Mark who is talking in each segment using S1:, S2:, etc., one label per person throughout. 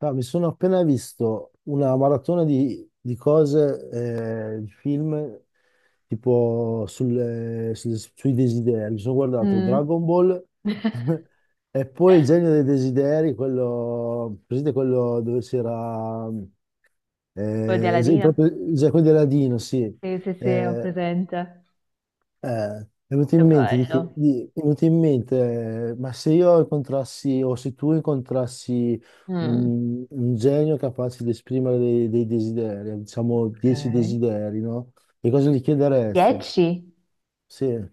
S1: No, mi sono appena visto una maratona di cose, di film, tipo sui desideri. Mi sono guardato
S2: Mm.
S1: Dragon Ball e poi Il genio dei desideri, quello, presente quello dove c'era,
S2: Quello di Aladina?
S1: proprio, quello di Aladino, sì.
S2: Sì, sì, sì, ho
S1: Eh,
S2: presente.
S1: è venuto
S2: Che
S1: in mente,
S2: bello.
S1: è venuto in mente, ma se io incontrassi o se tu incontrassi
S2: Mm.
S1: un genio capace di esprimere dei desideri, diciamo dieci
S2: Ok.
S1: desideri, no? Che cosa gli chiederesti?
S2: 10?
S1: Sì,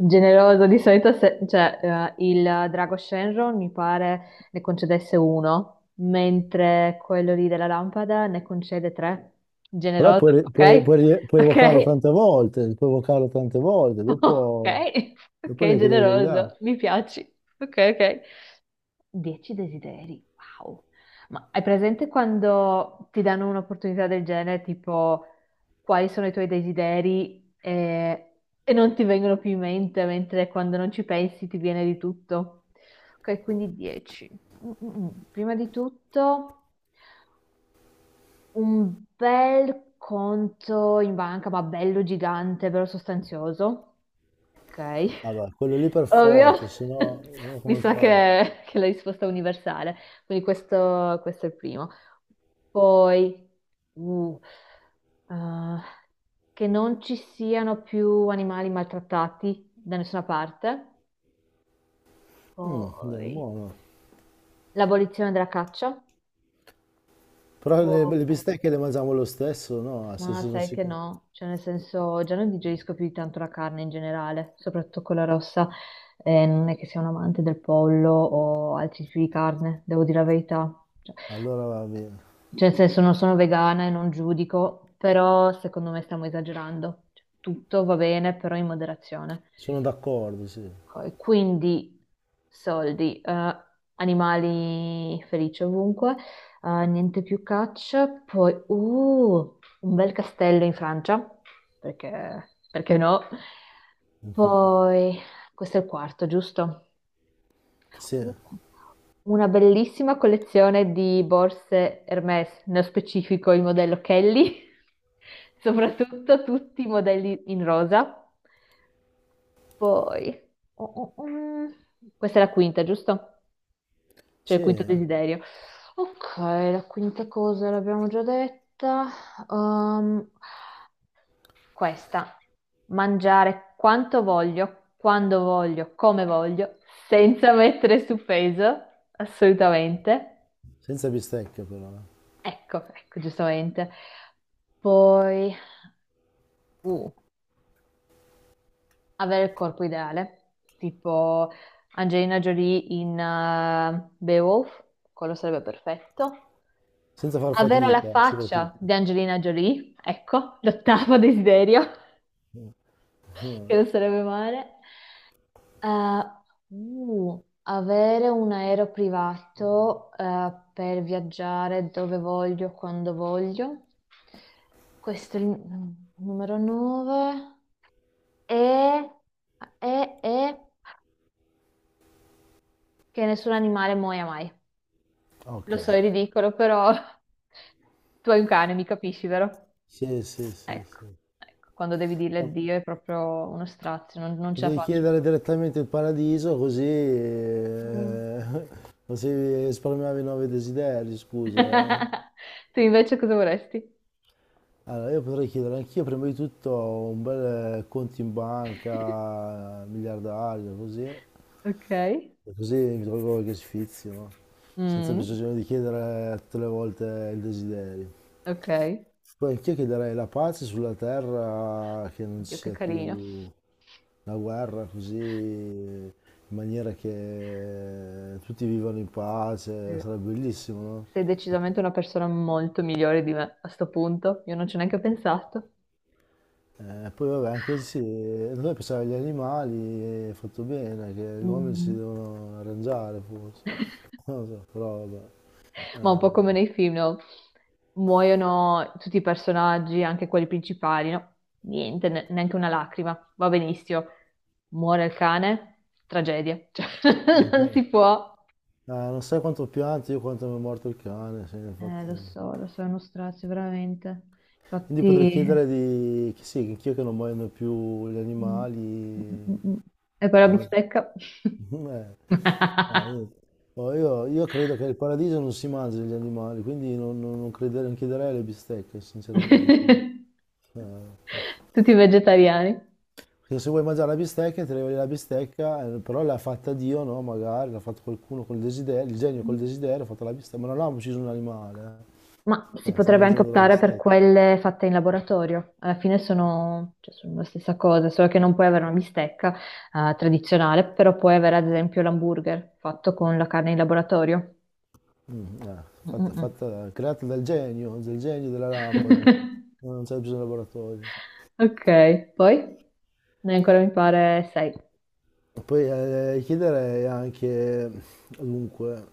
S2: Generoso, di solito cioè, il drago Shenron mi pare ne concedesse uno, mentre quello lì della lampada ne concede tre.
S1: però
S2: Generoso,
S1: puoi, re- puoi-
S2: ok?
S1: puoi rile- puoi evocarlo
S2: Ok,
S1: tante volte,
S2: ok,
S1: dopo
S2: ok,
S1: ne chiedi degli altri.
S2: generoso, mi piaci. Ok, ok. 10 desideri, wow. Ma hai presente quando ti danno un'opportunità del genere, tipo quali sono i tuoi desideri e, non ti vengono più in mente, mentre quando non ci pensi ti viene di tutto? Ok, quindi 10. Mm, mm, mm. Prima di tutto un bel conto in banca, ma bello gigante, bello sostanzioso. Ok,
S1: Vabbè, quello lì per
S2: ovvio,
S1: forza, se no
S2: mi
S1: come
S2: sa
S1: fai?
S2: che, è la risposta è universale, quindi questo è il primo. Poi, uh, eh, che non ci siano più animali maltrattati da nessuna parte,
S1: Mm, è
S2: poi
S1: buono.
S2: l'abolizione della caccia.
S1: Però le,
S2: Poi,
S1: le bistecche le mangiamo lo stesso, no? Se,
S2: ma
S1: se non
S2: sai
S1: si.
S2: che no, cioè nel senso già non digerisco più di tanto la carne in generale, soprattutto quella rossa. Non è che sia un amante del pollo o altri tipi di carne, devo dire la verità. Cioè,
S1: Allora va bene.
S2: cioè, nel senso non sono vegana e non giudico, però secondo me stiamo esagerando. Cioè, tutto va bene, però in moderazione.
S1: Sono d'accordo, sì.
S2: Ok, quindi soldi, animali felici ovunque, niente più caccia, poi un bel castello in Francia, perché, perché no? Poi, questo è il quarto, giusto?
S1: Sì,
S2: Uh, Una bellissima collezione di borse Hermès, nello specifico il modello Kelly, soprattutto tutti i modelli in rosa. Poi, oh, oh, oh. Questa è la quinta, giusto? Cioè il
S1: sì,
S2: quinto desiderio. Ok, la quinta cosa l'abbiamo già detta. Ehm, questa, mangiare quanto voglio, quando voglio, come voglio, senza mettere su peso, assolutamente.
S1: senza bistecche però, eh.
S2: Ecco, ecco, giustamente. Poi, uh, avere il corpo ideale, tipo Angelina Jolie in Beowulf, quello sarebbe perfetto.
S1: Senza far
S2: Avere la
S1: fatica,
S2: faccia
S1: soprattutto.
S2: di Angelina Jolie, ecco, l'ottavo desiderio, che non sarebbe male. Eh, avere un aereo privato, per viaggiare dove voglio, quando voglio. Questo è il numero 9. E, e che nessun animale muoia mai.
S1: Ok.
S2: Lo so, è ridicolo, però tu hai un cane, mi capisci, vero?
S1: Sì, sì, sì,
S2: Ecco,
S1: sì.
S2: ecco, quando devi dirle
S1: Eh,
S2: addio è proprio uno strazio, non ce la
S1: Potevi
S2: faccio.
S1: chiedere direttamente il paradiso così,
S2: Mm.
S1: così risparmiavi i nuovi desideri, scusa. eh.
S2: Tu invece cosa vorresti?
S1: Allora, io potrei chiedere anch'io prima di tutto un bel conto in banca, miliardario, così.
S2: Ok.
S1: E così mi trovo qualche sfizio, no? Senza
S2: Mm,
S1: bisogno di chiedere tutte le volte il desiderio.
S2: ok.
S1: Poi anch'io chiederei la pace sulla terra, che non ci
S2: Oddio, che
S1: sia
S2: carino.
S1: più la guerra, così in maniera che tutti vivano in
S2: Sì.
S1: pace, sarebbe bellissimo, no?
S2: Sei decisamente una persona molto migliore di me a sto punto. Io non ci ho neanche pensato.
S1: Poi vabbè, anche sì, noi pensavamo agli animali, è fatto bene, che gli uomini si
S2: Mm.
S1: devono arrangiare forse, non lo so, però vabbè.
S2: Ma un po'
S1: Eh.
S2: come nei film, no? Muoiono tutti i personaggi, anche quelli principali, no? Niente, neanche una lacrima, va benissimo. Muore il cane, tragedia. Cioè, non si può.
S1: Non sai quanto pianti io quanto mi è morto il cane, sì, infatti.
S2: Lo so, è uno strazio, veramente.
S1: Quindi potrei
S2: Infatti.
S1: chiedere di che sì, anch'io che non muoiono più gli
S2: Mm,
S1: animali.
S2: mm, mm. E poi la
S1: No.
S2: bistecca.
S1: Eh, Niente. Oh, io credo che il paradiso non si mangi gli animali, quindi non chiederei alle bistecche, sinceramente. Eh,
S2: Tutti vegetariani.
S1: Perché se vuoi mangiare la bistecca, ti arriva la bistecca, però l'ha fatta Dio, no? Magari l'ha fatto qualcuno col desiderio, il genio col desiderio ha fatto la bistecca, ma non ha ucciso un animale,
S2: Ma
S1: eh.
S2: si
S1: Stai
S2: potrebbe anche
S1: mangiando la
S2: optare per
S1: bistecca.
S2: quelle fatte in laboratorio. Alla fine sono, cioè, sono la stessa cosa, solo che non puoi avere una bistecca, tradizionale, però puoi avere ad esempio l'hamburger fatto con la carne in laboratorio.
S1: Mm, eh,
S2: Mm, mm, mm.
S1: Creata dal genio della lampada, non c'è bisogno di laboratorio.
S2: Ok, poi ne hai ancora mi pare sei.
S1: Poi chiederei anche, dunque,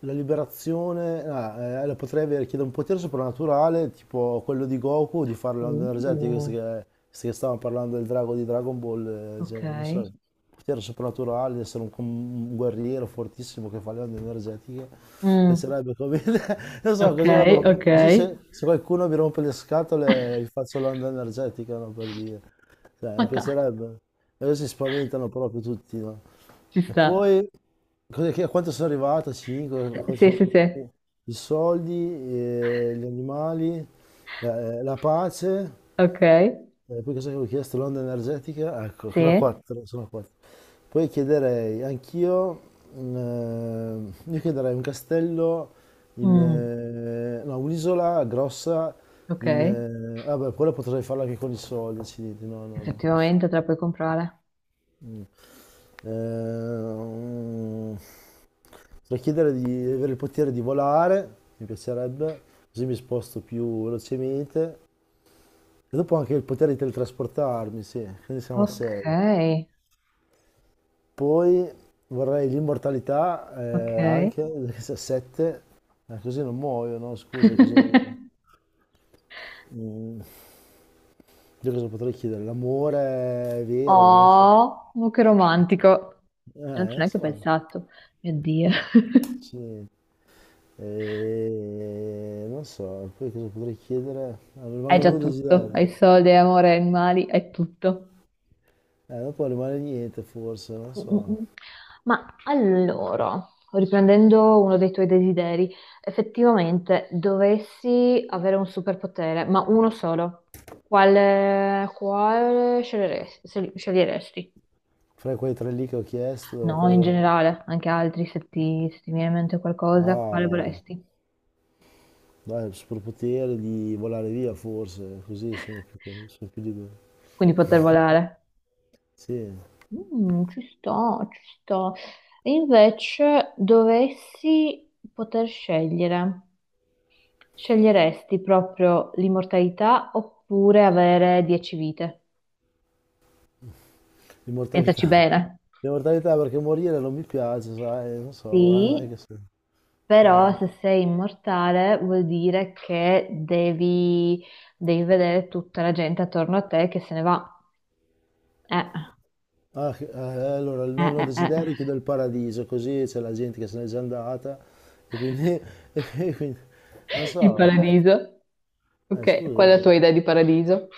S1: la liberazione, la potrei avere, chiede un potere soprannaturale, tipo quello di Goku, di fare le onde energetiche,
S2: Uh,
S1: visto che stavamo parlando del drago di Dragon Ball, cioè,
S2: Ok.
S1: non so, potere soprannaturale, di essere un guerriero fortissimo che fa le onde energetiche,
S2: Mm,
S1: piacerebbe come. Non so,
S2: ok,
S1: così vado,
S2: ok.
S1: così se qualcuno mi rompe le scatole gli faccio l'onda energetica, no, per dire, cioè,
S2: Ma
S1: mi
S2: dai,
S1: piacerebbe, e così si spaventano proprio tutti, no?
S2: ci
S1: E
S2: sta.
S1: poi. Cos'è a quanto sono arrivato? 5?
S2: Sì, sì, sì.
S1: I soldi, gli animali, la pace,
S2: Ok.
S1: poi cosa avevo chiesto? L'onda energetica, ecco, sono
S2: Sì.
S1: 4, sono quattro. Poi chiederei anch'io, io chiederei un castello,
S2: Mm,
S1: no, un'isola grossa,
S2: ok.
S1: vabbè, quella potrei farla anche con i soldi, accidenti, no, no, no.
S2: Effettivamente te la puoi comprare.
S1: Mm. Ehm, Potrei chiedere di avere il potere di volare, mi piacerebbe, così mi sposto più velocemente. E dopo anche il potere di teletrasportarmi, sì, quindi siamo a
S2: Ok,
S1: 6. Poi vorrei l'immortalità
S2: ok.
S1: anche, perché se a 7, così non muoio, no? Scusa, cosa. Mm, io cosa potrei chiedere? L'amore è vero, non lo so.
S2: Oh, ma che romantico. Io non
S1: Eh,
S2: ci ho
S1: Non
S2: neanche
S1: so.
S2: pensato. Mio Dio.
S1: Sì. E non so, poi cosa potrei chiedere? Ah, mi
S2: Hai già
S1: rimangono due
S2: tutto.
S1: desideri.
S2: Hai soldi, hai amore, hai animali, hai tutto.
S1: Dopo rimane niente forse, non
S2: Mm, mm,
S1: so.
S2: mm. Ma allora, riprendendo uno dei tuoi desideri, effettivamente dovessi avere un superpotere, ma uno solo, quale sceglieresti?
S1: Fra quei tre lì che ho chiesto,
S2: No, in
S1: quello
S2: generale, anche altri, se ti viene in mente
S1: da.
S2: qualcosa, quale
S1: Ah,
S2: vorresti?
S1: dai, il superpotere di volare via forse, così sono più libero.
S2: Quindi poter volare.
S1: Sì,
S2: Mm, ci sto, ci sto. E invece dovessi poter scegliere, sceglieresti proprio l'immortalità oppure avere 10 vite? Pensaci
S1: l'immortalità.
S2: bene.
S1: L'immortalità perché morire non mi piace, sai, non so, non
S2: Sì,
S1: è che so.
S2: però se
S1: Eh.
S2: sei immortale vuol dire che devi vedere tutta la gente attorno a te che se ne va. Eh,
S1: Ah, allora, il nonno
S2: eh, eh.
S1: desideri chiude il paradiso, così c'è la gente che se n'è già andata e quindi, e quindi- non
S2: Il
S1: so,
S2: paradiso. Ok, qual
S1: scusa,
S2: è la tua idea di paradiso?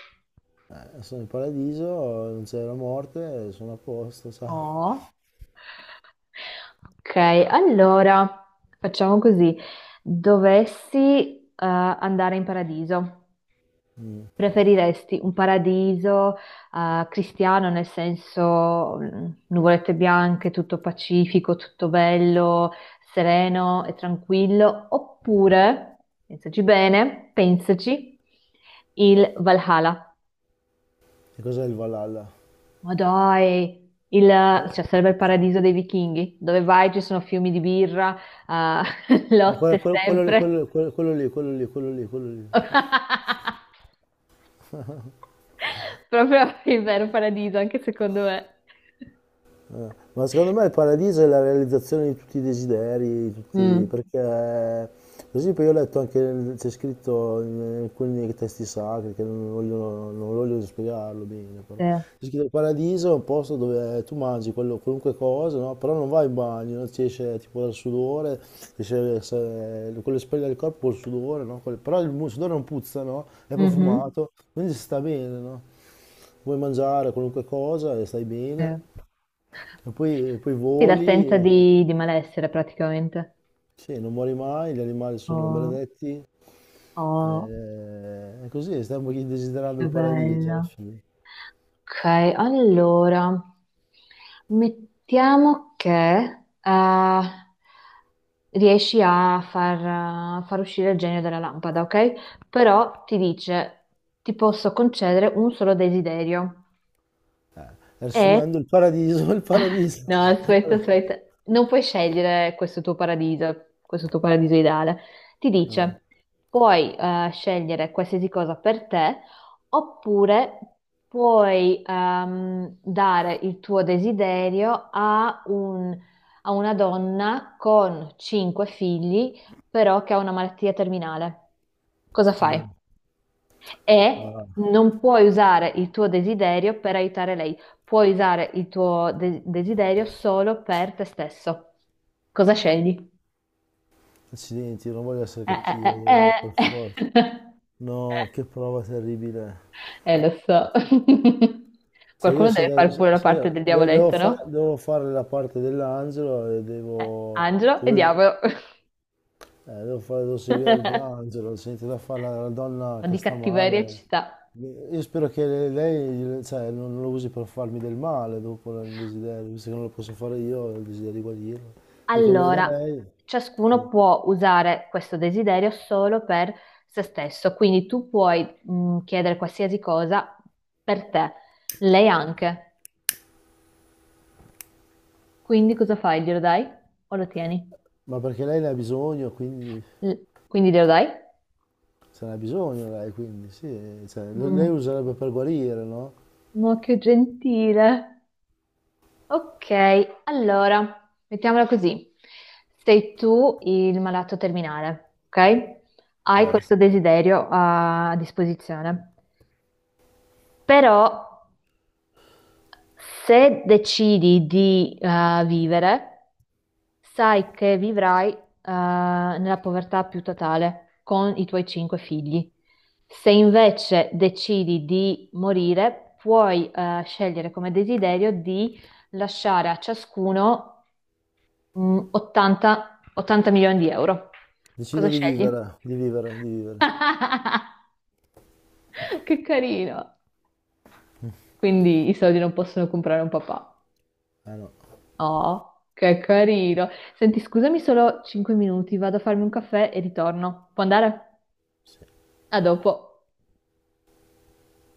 S1: sono in paradiso, non c'è la morte, sono a posto, ciao.
S2: Oh. Ok, allora facciamo così. Dovessi andare in paradiso, preferiresti un paradiso cristiano nel senso nuvolette bianche, tutto pacifico, tutto bello, sereno e tranquillo, oppure, pensaci bene, pensaci, il Valhalla.
S1: Che cos'è il Valhalla?
S2: Ma dai, il,
S1: Eh,
S2: cioè, sarebbe il paradiso dei vichinghi, dove vai ci sono fiumi di birra, ah, lotte
S1: Quello lì,
S2: sempre.
S1: quello quello quello lì, quello lì, quello lì, quello lì.
S2: Proprio il vero paradiso, anche secondo me.
S1: Ma secondo me il paradiso è la realizzazione di tutti i desideri, di tutti,
S2: Mm,
S1: perché per esempio io ho letto anche, c'è scritto in alcuni testi sacri, che non voglio spiegarlo bene, però
S2: sì.
S1: c'è scritto il paradiso è un posto dove tu mangi qualunque cosa, no? Però non vai in bagno, no? Ti esce tipo dal sudore, ti esce quello che spoglia il corpo col sudore, no? Però il sudore non puzza, no? È
S2: Mhm,
S1: profumato, quindi si sta bene, no? Vuoi mangiare qualunque cosa e stai
S2: sì.
S1: bene. E poi
S2: Sì,
S1: voli,
S2: l'assenza di malessere praticamente.
S1: sì, non muori mai, gli animali sono
S2: Oh,
S1: benedetti,
S2: oh,
S1: è così, stiamo desiderando
S2: che
S1: il paradiso alla
S2: bello.
S1: fine.
S2: Ok, allora, mettiamo che riesci a far uscire il genio dalla lampada, ok? Però ti dice, ti posso concedere un solo desiderio.
S1: E
S2: Mm. E
S1: riassumendo il paradiso, il paradiso.
S2: no, aspetta, aspetta. Non puoi scegliere questo tuo paradiso ideale. Ti dice, puoi scegliere qualsiasi cosa per te, oppure puoi dare il tuo desiderio a una donna con cinque figli, però che ha una malattia terminale. Cosa fai? E
S1: Ah,
S2: non puoi usare il tuo desiderio per aiutare lei, puoi usare il tuo desiderio solo per te stesso. Cosa scegli?
S1: accidenti, non voglio essere
S2: Eh,
S1: cattivo, per forza.
S2: eh.
S1: No, che prova terribile.
S2: Lo so.
S1: Se io,
S2: Qualcuno
S1: se
S2: deve
S1: da-
S2: fare
S1: se-
S2: pure la parte del diavoletto, no?
S1: Devo fare la parte dell'angelo e devo.
S2: Angelo e
S1: devo-
S2: diavolo.
S1: Devo seguire il mio
S2: Un
S1: angelo, senti da fare la donna
S2: po'
S1: che
S2: di
S1: sta
S2: cattiveria ci
S1: male.
S2: sta.
S1: Io spero che lei, cioè, non lo usi per farmi del male dopo il desiderio, visto che non lo posso fare io, ho il desiderio di guarirla. Dico, glielo do a
S2: Allora,
S1: lei,
S2: ciascuno può usare questo desiderio solo per se stesso, quindi tu puoi chiedere qualsiasi cosa per te, lei anche. Quindi cosa fai? Glielo dai o lo tieni?
S1: ma perché lei ne ha bisogno, quindi
S2: L- quindi glielo dai?
S1: se ne ha bisogno lei, quindi sì, cioè, lei
S2: Mm.
S1: userebbe per guarire, no?
S2: Ma che gentile. Ok, allora, mettiamola così. Sei tu il malato terminale, ok? Hai
S1: Eh,
S2: questo desiderio a disposizione. Però se decidi di vivere, sai che vivrai nella povertà più totale con i tuoi cinque figli. Se invece decidi di morire, puoi scegliere come desiderio di lasciare a ciascuno 80 milioni di euro. Cosa
S1: Decido di
S2: scegli?
S1: vivere, di vivere, di vivere.
S2: Che carino! Quindi i soldi non possono comprare un papà.
S1: Eh no.
S2: Oh, che carino. Senti, scusami solo 5 minuti, vado a farmi un caffè e ritorno. Può andare?
S1: Sì.
S2: A dopo.